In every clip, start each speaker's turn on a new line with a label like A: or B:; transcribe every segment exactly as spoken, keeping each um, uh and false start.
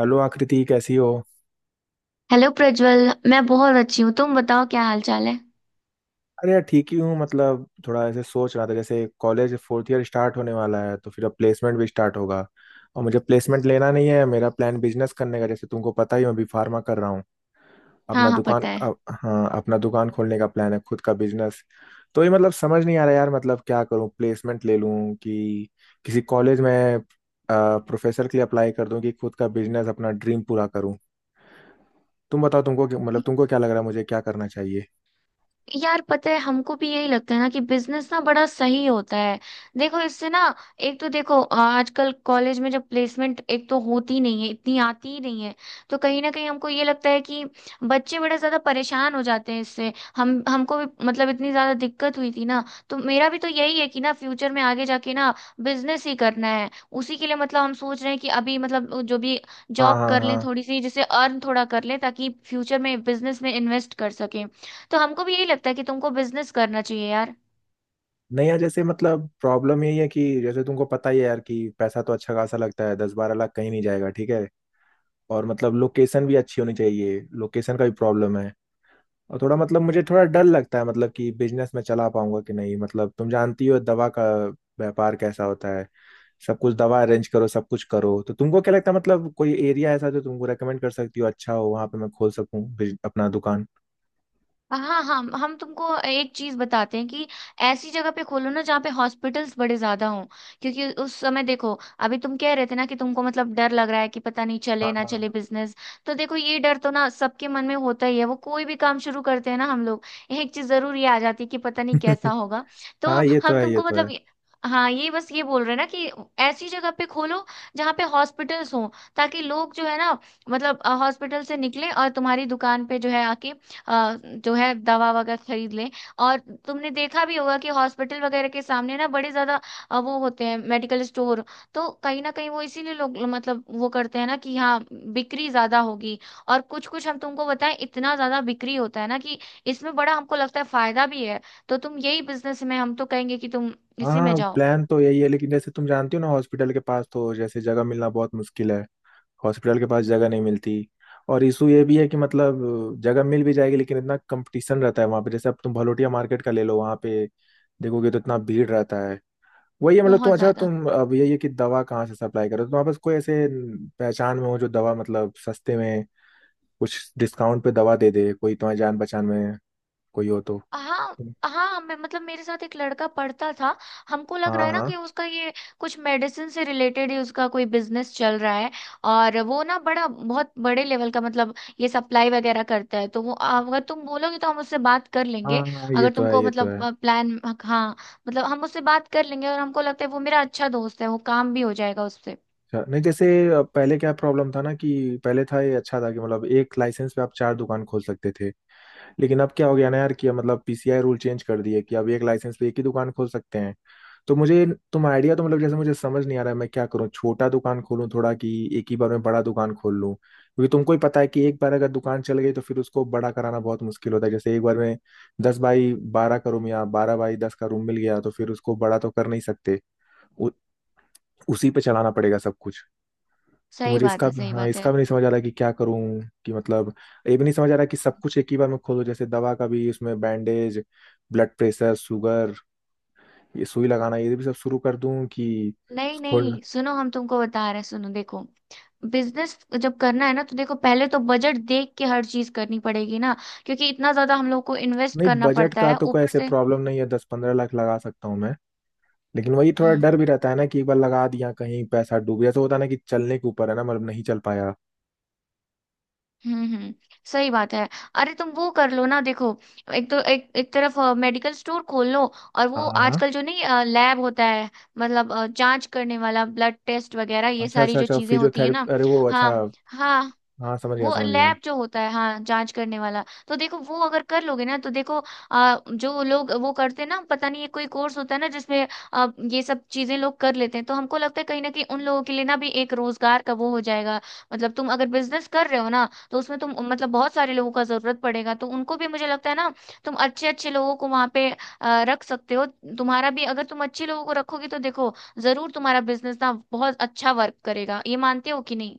A: Hello Aakriti कैसी हो।
B: Hello Prajwal. मैं बहुत अच्छी हूँ, तुम बताओ, क्या हाल चाल है?
A: अरे यार ठीक ही हूँ। मतलब थोड़ा ऐसे सोच रहा था जैसे कॉलेज फोर्थ ईयर स्टार्ट होने वाला है, तो फिर अब प्लेसमेंट भी स्टार्ट होगा। और मुझे प्लेसमेंट लेना नहीं है, मेरा प्लान बिजनेस करने का, जैसे तुमको पता ही, मैं अभी फार्मा कर रहा हूँ।
B: हाँ
A: अपना
B: हाँ,
A: दुकान
B: पता है।
A: अ, हाँ, अपना दुकान खोलने का प्लान है, खुद का बिजनेस। तो ये मतलब समझ नहीं आ रहा यार, मतलब क्या करूँ, प्लेसमेंट ले लूँ कि किसी कॉलेज में प्रोफेसर के लिए अप्लाई कर दूँ कि खुद का बिजनेस, अपना ड्रीम पूरा करूँ। तुम बताओ, तुमको क्या- मतलब तुमको क्या लग रहा है, मुझे क्या करना चाहिए?
B: यार, पता है, हमको भी यही लगता है ना कि बिजनेस ना बड़ा सही होता है। देखो इससे ना, एक तो देखो, अ, आजकल कॉलेज में जब प्लेसमेंट एक तो होती नहीं है, इतनी आती ही नहीं है। तो कहीं ना कहीं हमको ये लगता है कि बच्चे बड़े ज्यादा परेशान हो जाते हैं इससे। हम हमको भी मतलब इतनी ज्यादा दिक्कत हुई थी ना। तो मेरा भी तो यही है कि ना, फ्यूचर में आगे जाके ना बिजनेस ही करना है। उसी के लिए मतलब हम सोच रहे हैं कि अभी मतलब जो भी
A: हाँ
B: जॉब
A: हाँ
B: कर लें
A: हाँ।
B: थोड़ी सी, जिससे अर्न थोड़ा कर लें ताकि फ्यूचर में बिजनेस में इन्वेस्ट कर सकें। तो हमको भी यही लगता है कि तुमको बिजनेस करना चाहिए यार।
A: नहीं यार, जैसे मतलब प्रॉब्लम यही है कि जैसे तुमको पता ही है यार, कि पैसा तो अच्छा खासा लगता है, दस बारह लाख कहीं नहीं जाएगा, ठीक है। और मतलब लोकेशन भी अच्छी होनी चाहिए, लोकेशन का भी प्रॉब्लम है। और थोड़ा मतलब मुझे थोड़ा डर लगता है मतलब कि बिजनेस में चला पाऊंगा कि नहीं। मतलब तुम जानती हो दवा का व्यापार कैसा होता है, सब कुछ दवा अरेंज करो, सब कुछ करो। तो तुमको क्या लगता है, मतलब कोई एरिया ऐसा जो तुमको रेकमेंड कर सकती हो, अच्छा हो, वहां पे मैं खोल सकूं बिज- अपना दुकान?
B: हाँ हाँ, हम तुमको एक चीज बताते हैं कि ऐसी जगह पे खोलो ना, जहाँ पे हॉस्पिटल्स बड़े ज्यादा हों। क्योंकि उस समय देखो, अभी तुम कह रहे थे ना कि तुमको मतलब डर लग रहा है कि पता नहीं चले
A: हाँ
B: ना चले
A: हाँ।
B: बिजनेस। तो देखो, ये डर तो ना सबके मन में होता ही है। वो कोई भी काम शुरू करते हैं ना हम लोग, एक चीज जरूर ये आ जाती है कि पता नहीं कैसा होगा। तो
A: हाँ हाँ, ये तो
B: हम
A: है ये
B: तुमको
A: तो है।
B: मतलब ये-। हाँ, ये बस ये बोल रहे हैं ना कि ऐसी जगह पे खोलो जहाँ पे हॉस्पिटल्स हों, ताकि लोग जो है ना मतलब हॉस्पिटल से निकले और तुम्हारी दुकान पे जो है आके अ, जो है दवा वगैरह खरीद लें। और तुमने देखा भी होगा कि हॉस्पिटल वगैरह के सामने ना बड़े ज्यादा अ, वो होते हैं मेडिकल स्टोर। तो कहीं ना कहीं वो इसीलिए लोग मतलब वो करते हैं ना कि हाँ, बिक्री ज्यादा होगी। और कुछ कुछ हम तुमको बताएं, इतना ज्यादा बिक्री होता है ना कि इसमें बड़ा हमको लगता है फायदा भी है। तो तुम यही बिजनेस में, हम तो कहेंगे कि तुम इसी में
A: हाँ,
B: जाओ।
A: प्लान तो यही है, लेकिन जैसे तुम जानती हो ना, हॉस्पिटल के पास तो जैसे जगह मिलना बहुत मुश्किल है। हॉस्पिटल के पास जगह नहीं मिलती। और इशू ये भी है कि मतलब जगह मिल भी जाएगी, लेकिन इतना कंपटीशन रहता है वहाँ पे। जैसे अब तुम भलोटिया मार्केट का ले लो, वहाँ पे देखोगे तो इतना भीड़ रहता है। वही है, मतलब तुम
B: बहुत
A: अच्छा
B: ज्यादा।
A: तुम अब यही है कि दवा कहाँ से सप्लाई करो। तुम्हारे पास कोई ऐसे पहचान में हो जो दवा मतलब सस्ते में, कुछ डिस्काउंट पे दवा दे दे, कोई तुम्हारी जान पहचान में कोई हो तो?
B: हाँ हाँ, मैं मतलब मेरे साथ एक लड़का पढ़ता था। हमको लग
A: हाँ
B: रहा है ना
A: हाँ
B: कि उसका ये कुछ मेडिसिन से रिलेटेड ही उसका कोई बिजनेस चल रहा है। और वो ना बड़ा बहुत बड़े लेवल का मतलब ये सप्लाई वगैरह करता है। तो वो अगर तुम बोलोगे तो हम उससे बात कर लेंगे।
A: हाँ हाँ, ये
B: अगर
A: तो है
B: तुमको
A: ये तो
B: मतलब
A: है।
B: प्लान, हाँ, मतलब हम उससे बात कर लेंगे और हमको लगता है वो मेरा अच्छा दोस्त है, वो काम भी हो जाएगा उससे।
A: अच्छा, नहीं जैसे, अ, पहले क्या प्रॉब्लम था ना, कि पहले था, ये अच्छा था कि मतलब एक लाइसेंस पे आप चार दुकान खोल सकते थे। लेकिन अब क्या हो गया ना यार कि मतलब पीसीआई रूल चेंज कर दिए कि अब एक लाइसेंस पे एक ही दुकान खोल सकते हैं। तो मुझे तुम आइडिया तो मतलब जैसे मुझे समझ नहीं आ रहा है, मैं क्या करूँ, छोटा दुकान खोलूँ थोड़ा, कि एक ही बार में बड़ा दुकान खोल लूँ? क्योंकि तुमको ही पता है कि एक बार अगर दुकान चल गई तो फिर उसको बड़ा कराना बहुत मुश्किल होता है। जैसे एक बार में दस बाई बारह का रूम या बारह बाई दस का रूम मिल गया तो फिर उसको बड़ा तो कर नहीं सकते, उ, उसी पे चलाना पड़ेगा सब कुछ। तो
B: सही
A: मुझे
B: बात
A: इसका,
B: है, सही
A: हाँ,
B: बात
A: इसका
B: है।
A: भी नहीं समझ आ रहा कि क्या करूं, कि मतलब ये भी नहीं समझ आ रहा कि सब कुछ एक ही बार में खोलो, जैसे दवा का भी, उसमें बैंडेज, ब्लड प्रेशर, शुगर, ये सुई लगाना, ये भी सब शुरू कर दूं कि
B: नहीं नहीं,
A: खोल
B: सुनो हम तुमको बता रहे हैं, सुनो देखो। बिजनेस जब करना है ना, तो देखो पहले तो बजट देख के हर चीज करनी पड़ेगी ना, क्योंकि इतना ज्यादा हम लोग को इन्वेस्ट
A: नहीं?
B: करना
A: बजट
B: पड़ता
A: का
B: है
A: तो कोई
B: ऊपर
A: ऐसे
B: से।
A: प्रॉब्लम नहीं है, दस पंद्रह लाख लगा सकता हूँ मैं। लेकिन वही थोड़ा
B: हम्म,
A: डर भी रहता है ना, कि एक बार लगा दिया, कहीं पैसा डूब गया तो? होता है ना कि चलने के ऊपर है ना, मतलब नहीं चल पाया।
B: हम्म, हम्म, सही बात है। अरे, तुम वो कर लो ना देखो, एक तो एक एक तरफ मेडिकल स्टोर खोल लो। और
A: हाँ
B: वो
A: हाँ हाँ,
B: आजकल जो नहीं, लैब होता है, मतलब अ, जांच करने वाला, ब्लड टेस्ट वगैरह, ये
A: अच्छा
B: सारी
A: अच्छा
B: जो
A: अच्छा,
B: चीजें होती है ना।
A: फिजियोथेरेपी, अरे वो, अच्छा।
B: हाँ हाँ।
A: हाँ, समझ गया
B: वो
A: समझ गया।
B: लैब जो होता है, हाँ जांच करने वाला, तो देखो वो अगर कर लोगे ना तो देखो, आ, जो लोग वो करते हैं ना, पता नहीं ये कोई कोर्स होता है ना जिसमें आ, ये सब चीजें लोग कर लेते हैं। तो हमको लगता है कहीं ना कहीं उन लोगों के लिए ना भी एक रोजगार का वो हो जाएगा। मतलब तुम अगर बिजनेस कर रहे हो ना तो उसमें तुम मतलब बहुत सारे लोगों का जरूरत पड़ेगा, तो उनको भी मुझे लगता है ना, तुम अच्छे अच्छे लोगों को वहां पे आ, रख सकते हो। तुम्हारा भी अगर तुम अच्छे लोगों को रखोगे तो देखो, जरूर तुम्हारा बिजनेस ना बहुत अच्छा वर्क करेगा। ये मानते हो कि नहीं?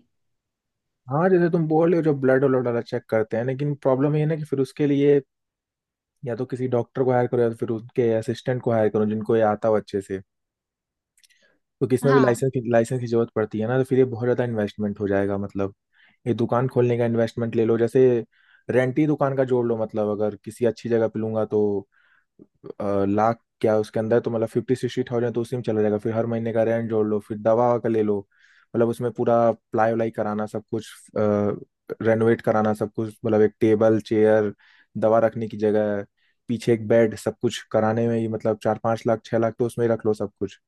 A: हाँ, जैसे तुम बोल रहे हो, जो ब्लड व्लड वाला चेक करते हैं, लेकिन प्रॉब्लम ये है ना कि फिर उसके लिए या तो किसी डॉक्टर को हायर करो, या तो फिर उनके असिस्टेंट को हायर करो जिनको ये आता हो अच्छे से। तो किसमें भी
B: हाँ
A: लाइसेंस की लाइसेंस की जरूरत पड़ती है ना, तो फिर ये बहुत ज़्यादा इन्वेस्टमेंट हो जाएगा। मतलब ये दुकान खोलने का इन्वेस्टमेंट ले लो, जैसे रेंट ही दुकान का जोड़ लो, मतलब अगर किसी अच्छी जगह पे लूंगा तो अ, लाख क्या, उसके अंदर तो मतलब फिफ्टी सिक्सटी थाउजेंड तो उसी में चला जाएगा। फिर हर महीने का रेंट जोड़ लो, फिर दवा ववा का ले लो, मतलब उसमें पूरा प्लाई व्लाई कराना, सब कुछ रेनोवेट कराना, सब कुछ, मतलब एक टेबल चेयर, दवा रखने की जगह, पीछे एक बेड, सब कुछ कराने में ही मतलब चार पांच लाख, छह लाख तो उसमें ही रख लो सब कुछ।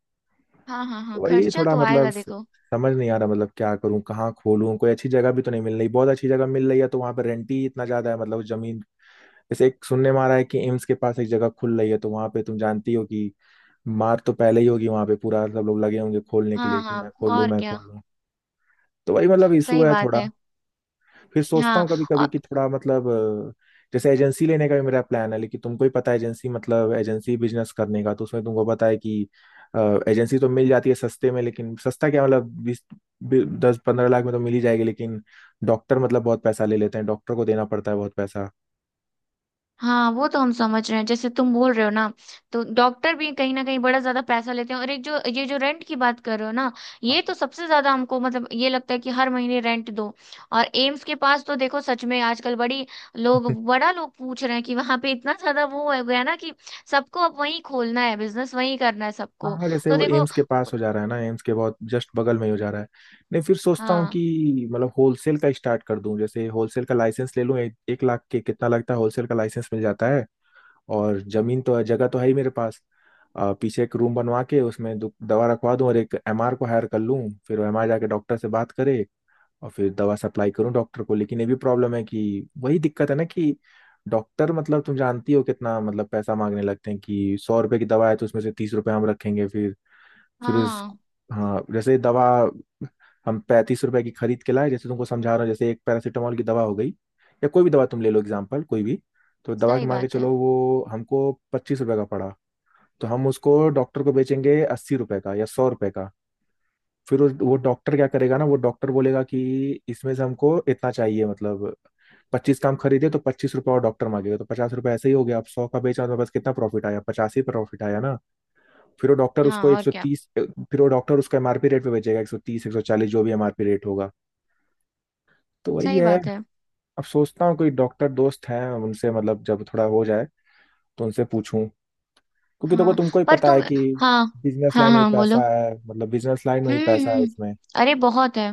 B: हाँ हाँ हाँ,
A: तो वही
B: खर्चा
A: थोड़ा
B: तो
A: मतलब
B: आएगा
A: स-
B: देखो।
A: समझ नहीं आ रहा मतलब क्या करूं, कहाँ खोलूं। कोई अच्छी जगह भी तो नहीं मिल रही, बहुत अच्छी जगह मिल रही है तो वहां पर रेंट ही इतना ज्यादा है, मतलब उस जमीन, जैसे एक सुनने में आ रहा है कि एम्स के पास एक जगह खुल रही है, तो वहां पे तुम जानती हो कि मार तो पहले ही होगी वहां पे, पूरा सब लोग लगे होंगे खोलने के लिए
B: हाँ
A: कि
B: हाँ,
A: मैं खोल लूं
B: और
A: मैं
B: क्या।
A: खोल लूं। तो वही, मतलब इशू
B: सही
A: है
B: बात
A: थोड़ा।
B: है।
A: फिर सोचता
B: हाँ,
A: हूँ कभी कभी
B: और
A: कि थोड़ा मतलब अ, जैसे एजेंसी लेने का भी मेरा प्लान है, लेकिन तुमको ही पता है एजेंसी, मतलब एजेंसी बिजनेस करने का, तो उसमें तुमको पता है कि एजेंसी तो मिल जाती है सस्ते में, लेकिन सस्ता क्या, मतलब बीस बी- दस पंद्रह लाख में तो मिल ही जाएगी, लेकिन डॉक्टर मतलब बहुत पैसा ले लेते हैं, डॉक्टर को देना पड़ता है बहुत पैसा।
B: हाँ, वो तो हम समझ रहे हैं जैसे तुम बोल रहे हो ना। तो डॉक्टर भी कहीं ना कहीं बड़ा ज्यादा पैसा लेते हैं। और एक जो ये जो रेंट की बात कर रहे हो ना, ये तो सबसे ज्यादा हमको मतलब ये लगता है कि हर महीने रेंट दो। और एम्स के पास तो देखो, सच में आजकल बड़ी लोग, बड़ा लोग पूछ रहे हैं कि वहां पे इतना ज्यादा वो हो गया ना कि सबको अब वहीं खोलना है, बिजनेस वहीं करना है सबको।
A: हाँ, जैसे
B: तो
A: वो
B: देखो।
A: एम्स के पास हो जा रहा है ना, एम्स के बहुत जस्ट बगल में ही हो जा रहा है। नहीं, फिर सोचता हूँ
B: हाँ
A: कि मतलब होलसेल का स्टार्ट कर दूं, जैसे होलसेल का लाइसेंस ले लूं। एक, एक लाख के, कितना लगता है, होलसेल का लाइसेंस मिल जाता है। और जमीन तो, जगह तो है ही मेरे पास, अ, पीछे एक रूम बनवा के उसमें दु- दवा रखवा दूं, और एक एमआर को हायर कर लूं, फिर एमआर जाके डॉक्टर से बात करे, और फिर दवा सप्लाई करूं डॉक्टर को। लेकिन ये भी प्रॉब्लम है कि वही दिक्कत है ना कि डॉक्टर, मतलब तुम जानती हो कितना मतलब पैसा मांगने लगते हैं, कि सौ रुपए की दवा है तो उसमें से तीस रुपए हम रखेंगे, फिर फिर उस
B: हाँ।
A: हाँ, जैसे दवा हम पैंतीस रुपए की खरीद के लाए, जैसे तुमको समझा रहा हूँ, जैसे एक पैरासीटामोल की दवा हो गई या कोई भी दवा तुम ले लो, एग्जाम्पल कोई भी। तो दवा के,
B: सही
A: मान के
B: बात है।
A: चलो वो हमको पच्चीस रुपए का पड़ा, तो हम उसको डॉक्टर को बेचेंगे अस्सी रुपए का या सौ रुपए का। फिर उस- वो डॉक्टर क्या करेगा ना, वो डॉक्टर बोलेगा कि इसमें से हमको इतना चाहिए, मतलब पच्चीस का हम खरीदे तो पच्चीस रुपए, और डॉक्टर मांगेगा तो पचास रुपए, ऐसे ही हो गया। अब सौ का बेचा तो बस कितना प्रॉफिट आया, पचास ही प्रॉफिट आया ना। फिर वो
B: हाँ,
A: डॉक्टर
B: और
A: उसको
B: क्या।
A: 130 फिर वो डॉक्टर उसका एमआरपी रेट पे बेचेगा, एक सौ तीस एक सौ चालीस जो भी एमआरपी रेट होगा। तो वही
B: सही
A: है।
B: बात है।
A: अब सोचता हूँ कोई डॉक्टर दोस्त हैं उनसे, मतलब जब थोड़ा हो जाए तो उनसे पूछूं, क्योंकि देखो
B: हाँ,
A: तुमको ही
B: पर
A: पता है
B: तुम।
A: कि
B: हाँ
A: बिजनेस
B: हाँ
A: लाइन में ही
B: हाँ, बोलो।
A: पैसा है, मतलब बिजनेस लाइन में ही
B: हम्म
A: पैसा है
B: हम्म।
A: इसमें।
B: अरे, बहुत है।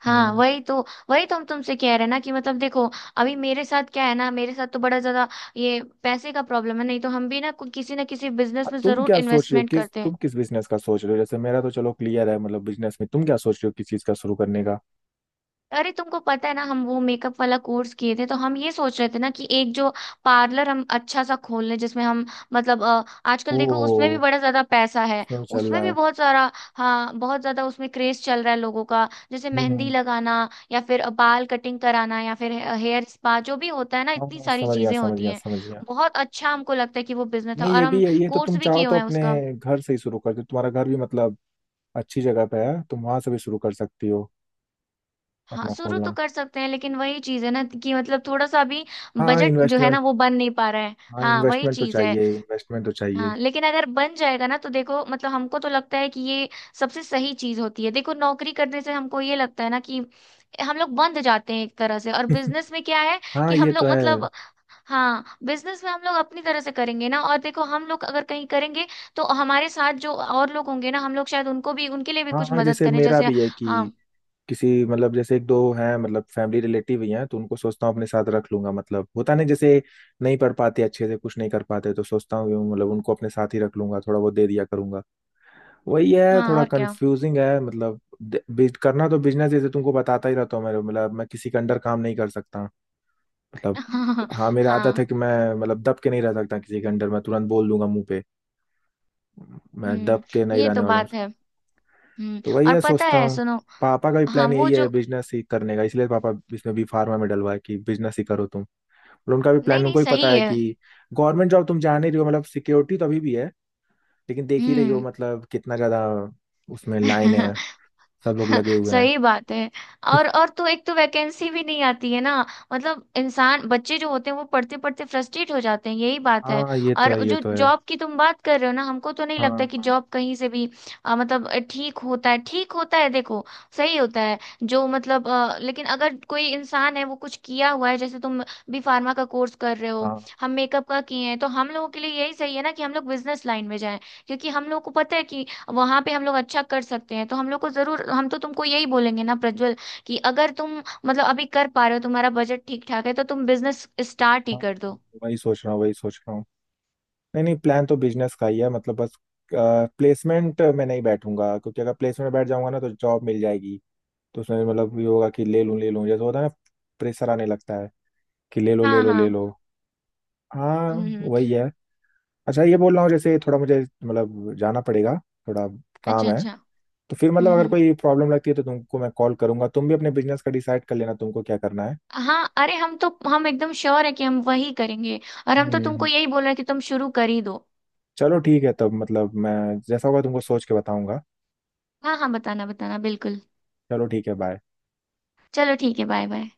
B: हाँ,
A: हम्म।
B: वही तो। वही तो हम तुमसे कह रहे हैं ना कि मतलब देखो, अभी मेरे साथ क्या है ना, मेरे साथ तो बड़ा ज्यादा ये पैसे का प्रॉब्लम है, नहीं तो हम भी ना कोई- किसी ना किसी
A: अब
B: बिजनेस में
A: तुम
B: जरूर
A: क्या सोच रहे हो,
B: इन्वेस्टमेंट
A: किस
B: करते हैं।
A: तुम किस बिजनेस का सोच रहे हो? जैसे मेरा तो चलो क्लियर है, मतलब बिजनेस में तुम क्या सोच रहे हो, किस चीज का शुरू करने का?
B: अरे, तुमको पता है ना हम वो मेकअप वाला कोर्स किए थे, तो हम ये सोच रहे थे ना कि एक जो पार्लर हम अच्छा सा खोल लें जिसमें हम मतलब अ, आजकल देखो उसमें भी
A: ओ,
B: बड़ा ज्यादा पैसा है।
A: उसमें भी चल
B: उसमें
A: रहा
B: भी
A: है?
B: बहुत सारा। हाँ, बहुत ज्यादा उसमें क्रेज चल रहा है लोगों का, जैसे
A: हम्म
B: मेहंदी
A: हम्म।
B: लगाना या फिर अ, बाल कटिंग कराना या फिर हे- हेयर स्पा, जो भी होता है ना, इतनी
A: हाँ,
B: सारी
A: समझ गया
B: चीजें
A: समझ
B: होती
A: गया
B: हैं।
A: समझ गया।
B: बहुत अच्छा हमको लगता है कि वो बिजनेस है
A: नहीं,
B: और
A: ये भी
B: हम
A: है, ये तो
B: कोर्स
A: तुम
B: भी
A: चाहो
B: किए हुए
A: तो
B: हैं
A: अपने
B: उसका।
A: घर से ही शुरू कर दो, तुम्हारा घर भी मतलब अच्छी जगह पे है, तुम वहां से भी शुरू कर सकती हो,
B: हाँ,
A: अपना
B: शुरू तो
A: खोलना।
B: कर सकते हैं, लेकिन वही चीज है ना कि मतलब थोड़ा सा अभी
A: हाँ,
B: बजट जो है ना
A: इन्वेस्टमेंट,
B: वो बन नहीं पा रहा है।
A: हाँ,
B: हाँ, वही
A: इन्वेस्टमेंट तो
B: चीज है।
A: चाहिए, इन्वेस्टमेंट तो चाहिए।
B: हाँ, लेकिन अगर बन जाएगा ना तो देखो, मतलब हमको तो लगता है कि ये सबसे सही चीज होती है। देखो, नौकरी करने से हमको ये लगता है ना कि हम लोग बंध जाते हैं एक तरह से, और बिजनेस में क्या है कि
A: हाँ,
B: हम
A: ये तो
B: लोग
A: है।
B: मतलब, हाँ बिजनेस में हम लोग अपनी तरह से करेंगे ना। और देखो, हम लोग अगर कहीं करेंगे तो हमारे साथ जो और लोग होंगे ना, हम लोग शायद उनको भी उनके लिए भी
A: हाँ
B: कुछ
A: हाँ,
B: मदद
A: जैसे
B: करें
A: मेरा
B: जैसे।
A: भी है
B: हाँ
A: कि किसी मतलब जैसे एक दो हैं, मतलब फैमिली रिलेटिव ही हैं, तो उनको सोचता हूँ अपने साथ रख लूंगा। मतलब होता नहीं जैसे, नहीं पढ़ पाते अच्छे से, कुछ नहीं कर पाते, तो सोचता हूँ कि मतलब उनको अपने साथ ही रख लूंगा, थोड़ा बहुत दे दिया करूंगा। वही है,
B: हाँ,
A: थोड़ा
B: और क्या।
A: कंफ्यूजिंग है, मतलब दे- बिज- करना तो बिजनेस, जैसे तुमको बताता ही रहता हूँ, मेरे मतलब मैं किसी के अंडर काम नहीं कर सकता, मतलब
B: हाँ
A: हाँ, मेरी आदत है
B: हाँ।
A: कि मैं मतलब दब के नहीं रह सकता किसी के अंडर, मैं तुरंत बोल दूंगा मुंह पे। मैं दब
B: हम्म।
A: के नहीं
B: ये
A: रहने
B: तो
A: वाला हूँ।
B: बात है। हम्म।
A: तो वही
B: और
A: है
B: पता
A: सोचता
B: है,
A: हूँ।
B: सुनो।
A: पापा का भी
B: हाँ,
A: प्लान
B: वो
A: यही है
B: जो।
A: बिजनेस ही करने का, इसलिए पापा इसमें भी फार्मा में डलवा है कि बिजनेस ही करो तुम। और उनका भी
B: नहीं
A: प्लान,
B: नहीं,
A: उनको भी पता
B: सही
A: है
B: है।
A: कि गवर्नमेंट जॉब, तुम जान ही रही हो, मतलब सिक्योरिटी तो अभी भी है, लेकिन देख ही रही हो
B: हम्म।
A: मतलब कितना ज्यादा उसमें लाइन है, सब लोग लगे हुए हैं।
B: सही बात है। और और तो एक तो वैकेंसी भी नहीं आती है ना। मतलब इंसान, बच्चे जो होते हैं वो पढ़ते पढ़ते फ्रस्ट्रेट हो जाते हैं, यही बात है।
A: हाँ ये तो
B: और
A: है ये
B: जो
A: तो है।
B: जॉब की तुम बात कर रहे हो ना, हमको तो नहीं लगता
A: हाँ
B: कि
A: हाँ
B: जॉब कहीं से भी अ, मतलब अ, ठीक होता है, ठीक होता है देखो। सही होता है। जो मतलब अ, लेकिन अगर कोई इंसान है वो कुछ किया हुआ है, जैसे तुम भी फार्मा का कोर्स कर रहे हो,
A: हाँ
B: हम मेकअप का किए हैं, तो हम लोगों के लिए यही सही है ना कि हम लोग बिजनेस लाइन में जाएं। क्योंकि हम लोगों को पता है कि वहां पे हम लोग अच्छा कर सकते हैं, तो हम लोग को जरूर, हम तो तुमको यही बोलेंगे ना प्रज्वल, कि अगर तुम मतलब अभी कर पा रहे हो, तुम्हारा बजट ठीक ठाक है तो तुम बिजनेस स्टार्ट ही
A: हाँ,
B: कर
A: हाँ,
B: दो।
A: वही सोच रहा हूँ वही सोच रहा हूँ। नहीं नहीं, प्लान तो बिजनेस का ही है, मतलब बस प्लेसमेंट में नहीं बैठूंगा, क्योंकि अगर प्लेसमेंट में बैठ जाऊंगा ना तो जॉब मिल जाएगी, तो उसमें मतलब ये होगा कि ले लूं ले लूं, जैसे होता है ना, प्रेशर आने लगता है कि ले लो ले
B: हाँ
A: लो ले
B: हाँ।
A: लो।
B: हम्म
A: हाँ
B: हम्म।
A: वही है। अच्छा, ये बोल रहा हूँ जैसे थोड़ा मुझे मतलब जाना पड़ेगा, थोड़ा
B: अच्छा
A: काम है।
B: अच्छा।
A: तो फिर मतलब
B: हम्म
A: अगर
B: हम्म।
A: कोई प्रॉब्लम लगती है तो तुमको मैं कॉल करूंगा, तुम भी अपने बिजनेस का डिसाइड कर लेना तुमको क्या करना है।
B: हाँ, अरे हम तो हम एकदम श्योर है कि हम वही करेंगे। और हम तो तुमको
A: हम्म।
B: यही बोल रहे हैं कि तुम शुरू कर ही दो।
A: चलो ठीक है, तब मतलब मैं जैसा होगा तुमको सोच के बताऊंगा।
B: हाँ हाँ, बताना बताना बिल्कुल।
A: चलो ठीक है, बाय।
B: चलो ठीक है, बाय बाय।